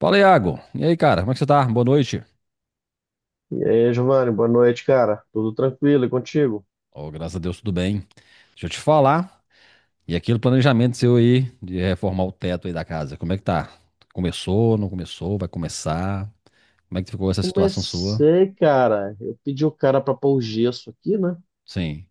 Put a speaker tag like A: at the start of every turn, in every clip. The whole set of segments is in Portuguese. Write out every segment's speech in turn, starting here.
A: Fala, Iago. E aí, cara, como é que você tá? Boa noite.
B: E aí, Giovanni, boa noite, cara. Tudo tranquilo e contigo?
A: Oh, graças a Deus, tudo bem. Deixa eu te falar. E aquele planejamento seu aí de reformar o teto aí da casa, como é que tá? Começou, não começou, vai começar? Como é que ficou essa situação sua?
B: Comecei, cara. Eu pedi o cara para pôr o gesso aqui, né?
A: Sim.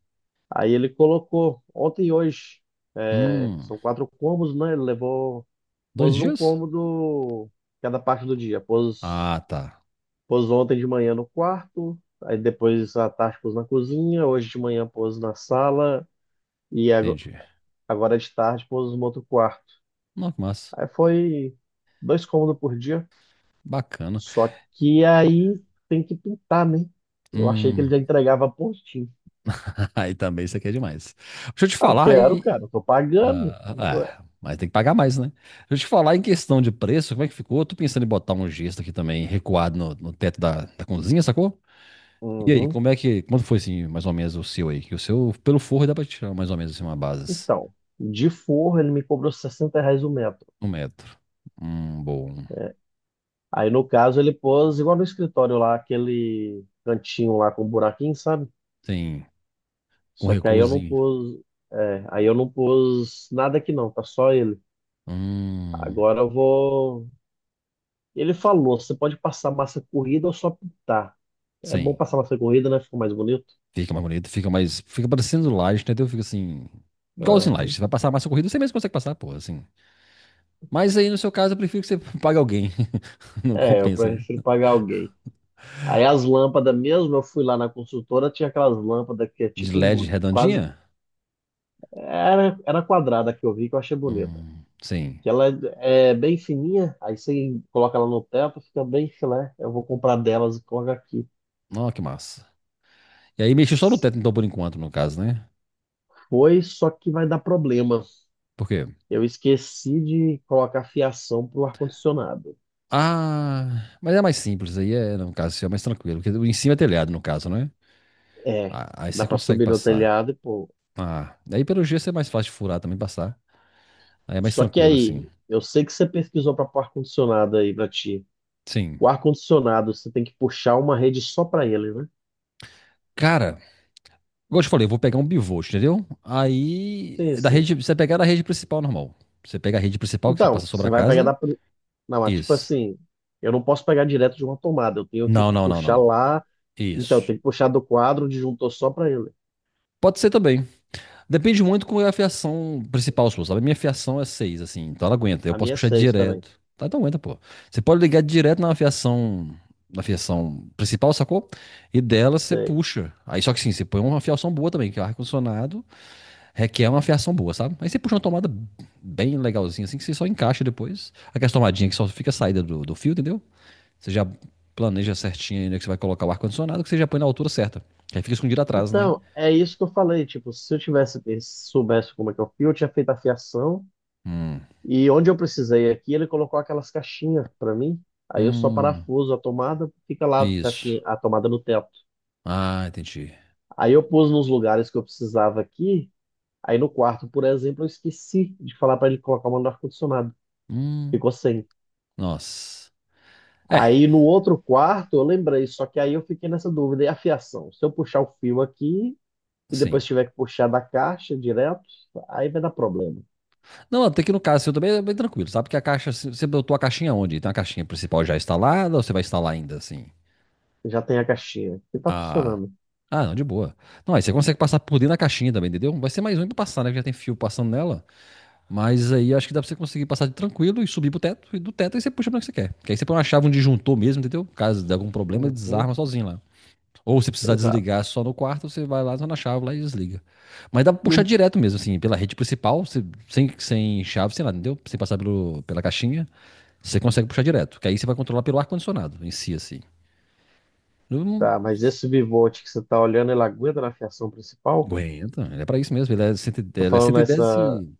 B: Aí ele colocou ontem e hoje. É,
A: Hum,
B: são quatro cômodos, né? Ele levou,
A: dois
B: pôs num
A: dias?
B: cômodo cada parte do dia. Pôs,
A: Ah, tá.
B: pôs ontem de manhã no quarto, aí depois à tarde pôs na cozinha, hoje de manhã pôs na sala e ago-
A: Entendi.
B: agora de tarde pôs no outro quarto.
A: Não, que massa.
B: Aí foi dois cômodos por dia.
A: Bacana.
B: Só que aí tem que pintar, né? Eu achei que ele
A: Hum,
B: já entregava pontinho.
A: aí também isso aqui é demais. Deixa eu te
B: Ah, eu
A: falar,
B: quero,
A: e
B: cara, eu tô pagando.
A: Ah,
B: Ué,
A: ah, mas tem que pagar mais, né? Deixa eu te falar em questão de preço, como é que ficou? Eu tô pensando em botar um gesto aqui também, recuado no teto da cozinha, sacou? E aí,
B: uhum.
A: como é que. Quanto foi assim, mais ou menos, o seu aí? Que o seu, pelo forro, dá pra tirar mais ou menos assim, uma base.
B: Então, de forro ele me cobrou R$ 60 o metro.
A: 1 metro. Bom.
B: Aí no caso ele pôs igual no escritório lá, aquele cantinho lá com buraquinho, sabe?
A: Sim. Com
B: Só que aí eu não
A: recuozinho.
B: pus, é, aí eu não pus nada aqui não, tá só ele.
A: Hum.
B: Agora eu vou. Ele falou, você pode passar massa corrida ou só pintar. É bom
A: Sim.
B: passar massa corrida, né? Ficou mais bonito.
A: Fica mais bonito, fica mais. Fica parecendo laje, entendeu? Fica assim.
B: Ah,
A: Igualzinho laje. Você vai passar mais massa corrida, você mesmo consegue passar, pô, assim. Mas aí, no seu caso, eu prefiro que você pague alguém. Não
B: é, eu
A: compensa,
B: prefiro
A: né?
B: pagar alguém. Aí as lâmpadas mesmo, eu fui lá na consultora, tinha aquelas lâmpadas que é
A: De
B: tipo
A: LED
B: quase.
A: redondinha?
B: Era quadrada que eu vi que eu achei bonita.
A: Sim.
B: Que ela é bem fininha, aí você coloca ela no teto, fica bem filé. Eu vou comprar delas e coloco aqui.
A: Ó, que massa. E aí mexi só no teto, então, por enquanto, no caso, né?
B: Foi, só que vai dar problema.
A: Por quê?
B: Eu esqueci de colocar fiação pro ar-condicionado.
A: Ah, mas é mais simples aí, é, no caso, assim, é mais tranquilo. Porque em cima é telhado, no caso, né?
B: É,
A: Ah, aí
B: dá
A: você
B: pra
A: consegue
B: subir no
A: passar.
B: telhado e pô.
A: Ah, aí pelo gesso é mais fácil de furar também passar. Aí é mais
B: Só que
A: tranquilo,
B: aí,
A: assim.
B: eu sei que você pesquisou para pôr ar-condicionado aí pra ti.
A: Sim.
B: O ar-condicionado, você tem que puxar uma rede só para ele, né?
A: Cara, igual eu te falei, eu vou pegar um bivolt, entendeu? Aí,
B: Sim,
A: é da
B: sim.
A: rede, você pegar da rede principal normal. Você pega a rede principal que você passa
B: Então,
A: sobre
B: você
A: a
B: vai pegar
A: casa.
B: da. Não, mas tipo
A: Isso.
B: assim, eu não posso pegar direto de uma tomada, eu tenho que
A: Não, não, não, não,
B: puxar
A: não.
B: lá. Então, eu
A: Isso.
B: tenho que puxar do quadro, o disjuntor só para ele.
A: Pode ser também. Depende muito qual é a fiação principal sua, sabe? A minha fiação é 6, assim, então ela aguenta. Eu
B: A
A: posso
B: minha é
A: puxar
B: seis também.
A: direto. Tá, então aguenta, pô. Você pode ligar direto na fiação principal, sacou? E dela você
B: Sei.
A: puxa. Aí só que sim, você põe uma fiação boa também, que é o ar-condicionado requer uma fiação boa, sabe? Aí você puxa uma tomada bem legalzinha, assim, que você só encaixa depois. Aquela tomadinha que só fica a saída do fio, entendeu? Você já planeja certinho aí onde é que você vai colocar o ar-condicionado, que você já põe na altura certa. Que aí fica escondido atrás, né?
B: Então, é isso que eu falei. Tipo, se eu tivesse, se soubesse como é que eu fio, eu tinha feito a fiação.
A: Hum,
B: E onde eu precisei aqui, ele colocou aquelas caixinhas para mim. Aí eu só
A: hum,
B: parafuso a tomada, fica lá a
A: isso.
B: caixinha, a tomada no teto.
A: Ah, entendi.
B: Aí eu pus nos lugares que eu precisava aqui. Aí no quarto, por exemplo, eu esqueci de falar para ele colocar o mano do ar-condicionado.
A: Hum,
B: Ficou sem.
A: nossa. É,
B: Aí no outro quarto, eu lembrei, só que aí eu fiquei nessa dúvida. E a fiação? Se eu puxar o fio aqui e depois
A: sim.
B: tiver que puxar da caixa direto, aí vai dar problema.
A: Não, até que no caso seu também é bem tranquilo, sabe? Porque a caixa, você botou a caixinha onde? Tem a caixinha principal já instalada ou você vai instalar ainda, assim?
B: Já tem a caixinha que tá
A: Ah,
B: funcionando.
A: ah, não, de boa. Não, aí você consegue passar por dentro da caixinha também, entendeu? Vai ser mais um pra passar, né? Que já tem fio passando nela. Mas aí acho que dá pra você conseguir passar de tranquilo e subir pro teto. E do teto aí você puxa pra onde você quer. Que aí você põe uma chave, um disjuntor mesmo, entendeu? Caso de algum problema, ele
B: Uhum,
A: desarma sozinho lá. Ou se precisar
B: exato.
A: desligar só no quarto, você vai lá só na chave lá e desliga. Mas dá pra
B: E
A: puxar
B: o...
A: direto mesmo, assim, pela rede principal, você- sem, sem chave, sei lá, entendeu? Sem passar pelo, pela caixinha, você consegue puxar direto. Que aí você vai controlar pelo ar-condicionado em si, assim. Não não
B: Tá, mas esse bivolt que você tá olhando, ele aguenta na fiação principal?
A: aguenta, ele é pra isso mesmo. Ele é, cento, e-
B: Tô
A: ele é
B: falando
A: 110 e.
B: nessa.
A: dez e...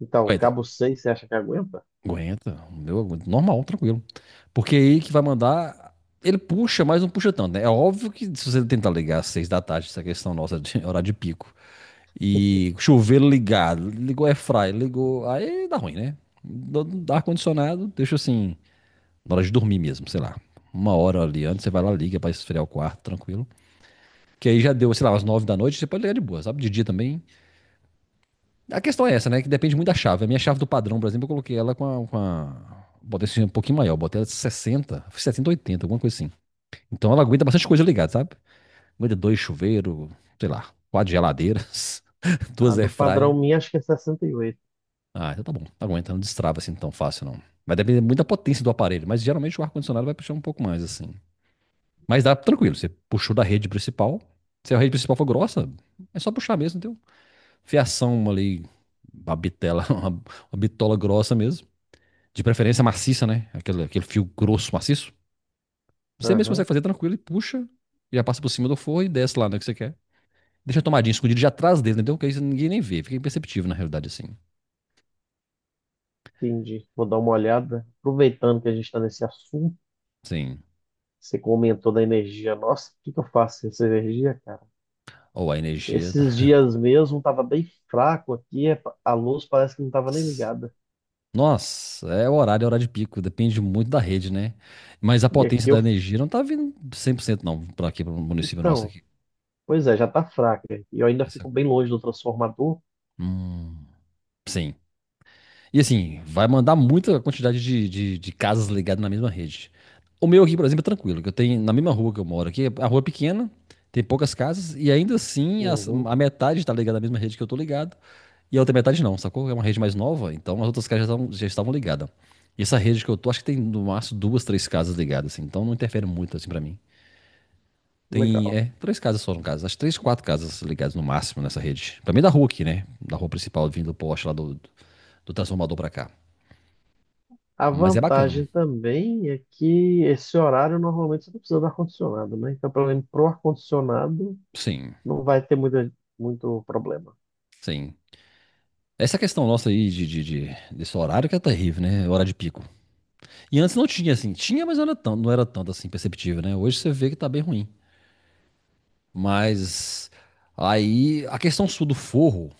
B: Então,
A: Aguenta,
B: cabo seis, você acha que aguenta?
A: aguenta. O meu aguenta. Normal, tranquilo. Porque aí que vai mandar. Ele puxa, mas não puxa tanto, né? É óbvio que se você tentar ligar às 6 da tarde, essa questão nossa de horário de pico. E chuveiro ligado, ligou air fry, ligou. Aí dá ruim, né? Do ar-condicionado, deixa assim, na hora de dormir mesmo, sei lá. Uma hora ali antes, você vai lá, liga pra esfriar o quarto, tranquilo. Que aí já deu, sei lá, às 9 da noite, você pode ligar de boa, sabe? De dia também. A questão é essa, né? Que depende muito da chave. A minha chave do padrão, por exemplo, eu coloquei ela com a. Com a... Botei assim, um pouquinho maior, botei ela de 60 70, 80 alguma coisa assim. Então ela aguenta bastante coisa ligada, sabe? Aguenta 2 chuveiros, sei lá, quatro geladeiras,
B: A
A: duas
B: do padrão
A: airfry.
B: minha, acho que é 68.
A: Ah, então tá bom. Tá aguenta, não destrava assim tão fácil, não. Vai depender muito da potência do aparelho, mas geralmente o ar-condicionado vai puxar um pouco mais, assim. Mas dá tranquilo, você puxou da rede principal. Se a rede principal for grossa, é só puxar mesmo, entendeu? Fiação ali, uma bitela, uma bitola grossa mesmo. De preferência maciça, né? Aquele, aquele fio grosso, maciço. Você mesmo
B: Aham.
A: consegue fazer tranquilo e puxa, e já passa por cima do forro e desce lá, né, que você quer. Deixa a tomadinha escondida já atrás dele, entendeu? Que aí ninguém nem vê, fica imperceptível na realidade, assim.
B: Entendi. Vou dar uma olhada. Aproveitando que a gente está nesse assunto,
A: Sim.
B: você comentou da energia. Nossa, o que que eu faço com essa energia, cara?
A: Ou a energia
B: Esses
A: tá...
B: dias mesmo estava bem fraco aqui, a luz parece que não estava nem ligada.
A: Nossa, é o horário, é horário de pico, depende muito da rede, né? Mas a
B: E
A: potência
B: aqui eu.
A: da energia não tá vindo 100% não, para aqui, para o município nosso
B: Então,
A: aqui.
B: pois é, já está fraca. E eu ainda
A: Essa-
B: fico bem longe do transformador.
A: Hum, sim. E assim, vai mandar muita quantidade de casas ligadas na mesma rede. O meu aqui, por exemplo, é tranquilo, que eu tenho na mesma rua que eu moro aqui, a rua é pequena, tem poucas casas, e ainda assim
B: Uhum,
A: a metade está ligada na mesma rede que eu tô ligado, e a outra metade não, sacou? É uma rede mais nova, então as outras casas já estavam ligadas. E essa rede que eu tô, acho que tem no máximo duas, três casas ligadas, assim, então não interfere muito assim pra mim. Tem,
B: legal.
A: é, três casas só no caso, acho que três, quatro casas ligadas no máximo nessa rede. Pra mim é da rua aqui, né? Da rua principal, vindo do poste lá do, do transformador pra cá.
B: A
A: Mas é
B: vantagem
A: bacana.
B: também é que esse horário normalmente você não precisa do ar-condicionado, né? Então, pelo menos pro ar-condicionado
A: Sim,
B: não vai ter muita, muito problema.
A: sim. Essa questão nossa aí de desse horário que é terrível, né? Hora de pico. E antes não tinha, assim. Tinha, mas não era tanto, não era tanto assim perceptível, né? Hoje você vê que tá bem ruim. Mas aí a questão sul do forro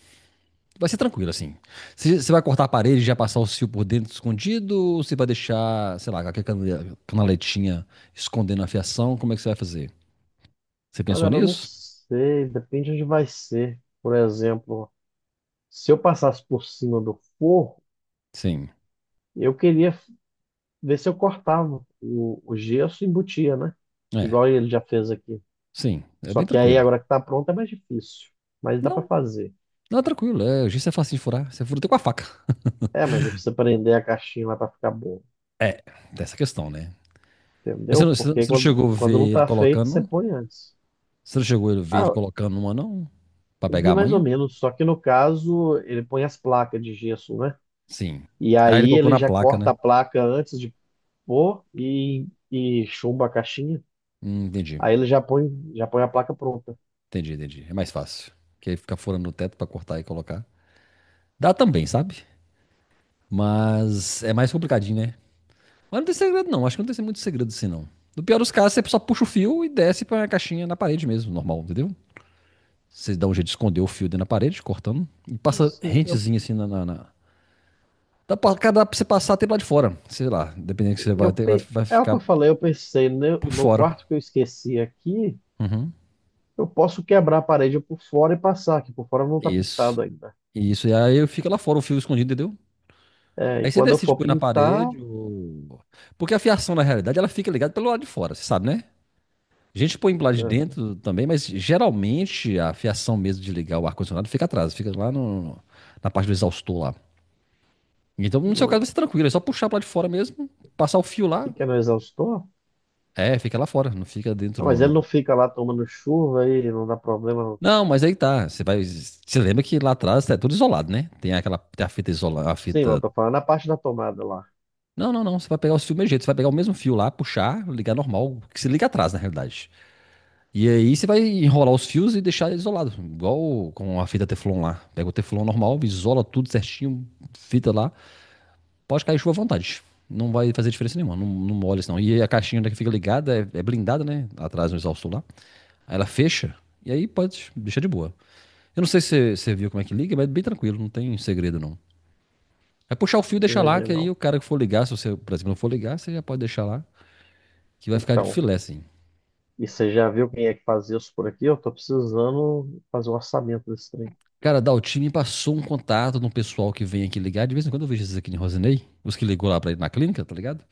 A: vai ser tranquila, assim. Você vai cortar a parede e já passar o fio por dentro escondido? Ou você vai deixar, sei lá, aquela canaletinha escondendo a fiação? Como é que você vai fazer? Você
B: Ah,
A: pensou
B: cara, eu não
A: nisso?
B: sei, depende onde vai ser. Por exemplo, se eu passasse por cima do forro,
A: Sim.
B: eu queria ver se eu cortava o gesso e embutia, né?
A: É,
B: Igual ele já fez aqui.
A: sim. É
B: Só
A: bem
B: que aí,
A: tranquilo.
B: agora que tá pronto, é mais difícil. Mas dá pra
A: Não
B: fazer.
A: Não, tranquilo, é, giz é fácil de furar. Você fura até com a faca.
B: É, mas aí precisa prender a caixinha lá pra ficar bom,
A: É, tem essa questão, né? Mas você
B: entendeu?
A: não, você não-
B: Porque
A: você não
B: quando,
A: chegou a
B: quando não
A: ver ele
B: tá feito,
A: colocando,
B: você
A: não?
B: põe antes.
A: Você não chegou a ver ele
B: Ah,
A: colocando uma, não? Pra
B: eu vi
A: pegar a
B: mais ou
A: manha?
B: menos, só que no caso, ele põe as placas de gesso, né?
A: Sim.
B: E
A: Aí ele
B: aí
A: colocou
B: ele
A: na
B: já
A: placa,
B: corta
A: né?
B: a placa antes de Pô, e chumba a caixinha.
A: Entendi,
B: Aí ele já põe a placa pronta.
A: entendi, entendi. É mais fácil. Porque aí fica furando no teto pra cortar e colocar. Dá também, sabe? Mas é mais complicadinho, né? Mas não tem segredo, não. Acho que não tem muito segredo assim, não. No pior dos casos, você só puxa o fio e desce pra caixinha na parede mesmo, normal, entendeu? Você dá um jeito de esconder o fio dentro da parede, cortando, e passa
B: Assim, eu,
A: rentezinho assim na. Na, na... dá pra você passar até lá de fora. Sei lá, dependendo que você
B: eu,
A: vai ter, vai,
B: pe-
A: vai
B: é o que
A: ficar
B: eu falei, eu pensei, no,
A: por
B: no
A: fora.
B: quarto que eu esqueci aqui,
A: Uhum.
B: eu posso quebrar a parede por fora e passar, que por fora não tá
A: Isso.
B: pintado ainda.
A: Isso. E aí fica lá fora o fio escondido, entendeu?
B: É, e
A: Aí você
B: quando eu
A: decide
B: for
A: pôr na
B: pintar,
A: parede ou. Porque a fiação, na realidade, ela fica ligada pelo lado de fora, você sabe, né? A gente põe lá de
B: é,
A: dentro também, mas geralmente a fiação mesmo de ligar o ar-condicionado fica atrás, fica lá no, na parte do exaustor lá. Então, no seu caso, vai
B: não,
A: ser tranquilo, é só puxar pra lá de fora mesmo, passar o fio lá,
B: fica no exaustor.
A: é, fica lá fora, não fica
B: Ah,
A: dentro
B: mas
A: no,
B: ele
A: no-
B: não fica lá tomando chuva e não dá problema, não.
A: Não, mas aí tá. Você vai. Você lembra que lá atrás é tudo isolado, né? Tem aquela tem a fita isolada, a
B: Sim, mas eu
A: fita.
B: tô falando na parte da tomada lá.
A: Não, não, não. Você vai pegar o fio do mesmo jeito. Você vai pegar o mesmo fio lá, puxar, ligar normal, que se liga atrás, na realidade. E aí você vai enrolar os fios e deixar isolado, igual com a fita Teflon lá. Pega o Teflon normal, isola tudo certinho, fita lá. Pode cair chuva à vontade. Não vai fazer diferença nenhuma, não, não molha isso não. E aí a caixinha que fica ligada é, é blindada, né? Atrás no exaustor lá. Aí ela fecha e aí pode deixar de boa. Eu não sei se você viu como é que liga, mas é bem tranquilo, não tem segredo não. É puxar o fio e deixar lá,
B: É,
A: que aí
B: não.
A: o cara que for ligar, se você, por exemplo, não for ligar, você já pode deixar lá, que vai ficar de
B: Então,
A: filé, assim.
B: e você já viu quem é que fazia isso por aqui? Eu tô precisando fazer um orçamento desse trem.
A: Cara, da Altim me passou um contato de um pessoal que vem aqui ligar. De vez em quando eu vejo esses aqui em Rosinei, os que ligou lá pra ir na clínica, tá ligado?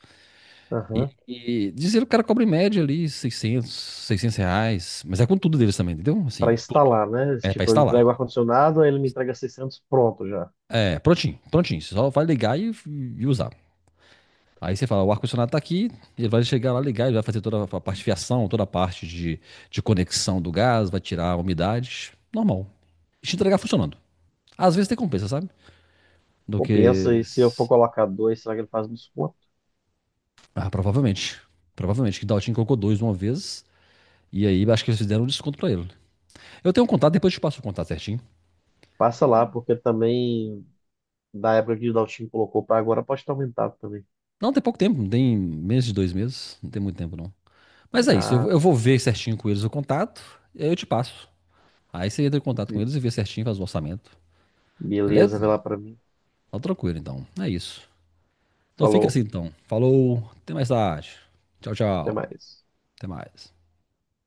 A: E,
B: Aham.
A: e dizer que o cara cobra em média ali 600, R$ 600. Mas é com tudo deles também, entendeu?
B: Para
A: Assim, tudo.
B: instalar, né?
A: É pra
B: Tipo, eu
A: instalar.
B: entrego o ar-condicionado, aí ele me entrega 600 pronto já.
A: É, prontinho, prontinho. Você só vai ligar e usar. Aí você fala, o ar-condicionado tá aqui, ele vai chegar lá, ligar, ele vai fazer toda a parte de fiação, toda a parte de conexão do gás, vai tirar a umidade, normal. E te entregar funcionando. Às vezes tem compensa, sabe? Do
B: Compensa,
A: que...
B: e se eu for colocar dois, será que ele faz um desconto?
A: Ah, provavelmente. Provavelmente, que Daltin colocou dois uma vez, e aí acho que eles fizeram um desconto pra ele. Eu tenho um contato, depois eu te passo o contato certinho.
B: Passa lá, porque também, da época que o Daltinho colocou para agora, pode estar aumentado também.
A: Não, tem pouco tempo, não tem menos de 2 meses, não tem muito tempo não. Mas é isso, eu,
B: Ah,
A: eu vou ver certinho com eles o contato, e aí eu te passo. Aí você entra em contato com eles e vê certinho, faz o orçamento.
B: beleza, vê
A: Beleza?
B: lá para mim.
A: Tá tranquilo, então. É isso. Então fica
B: Falou,
A: assim, então. Falou, até mais tarde. Tchau,
B: até
A: tchau.
B: mais.
A: Até mais.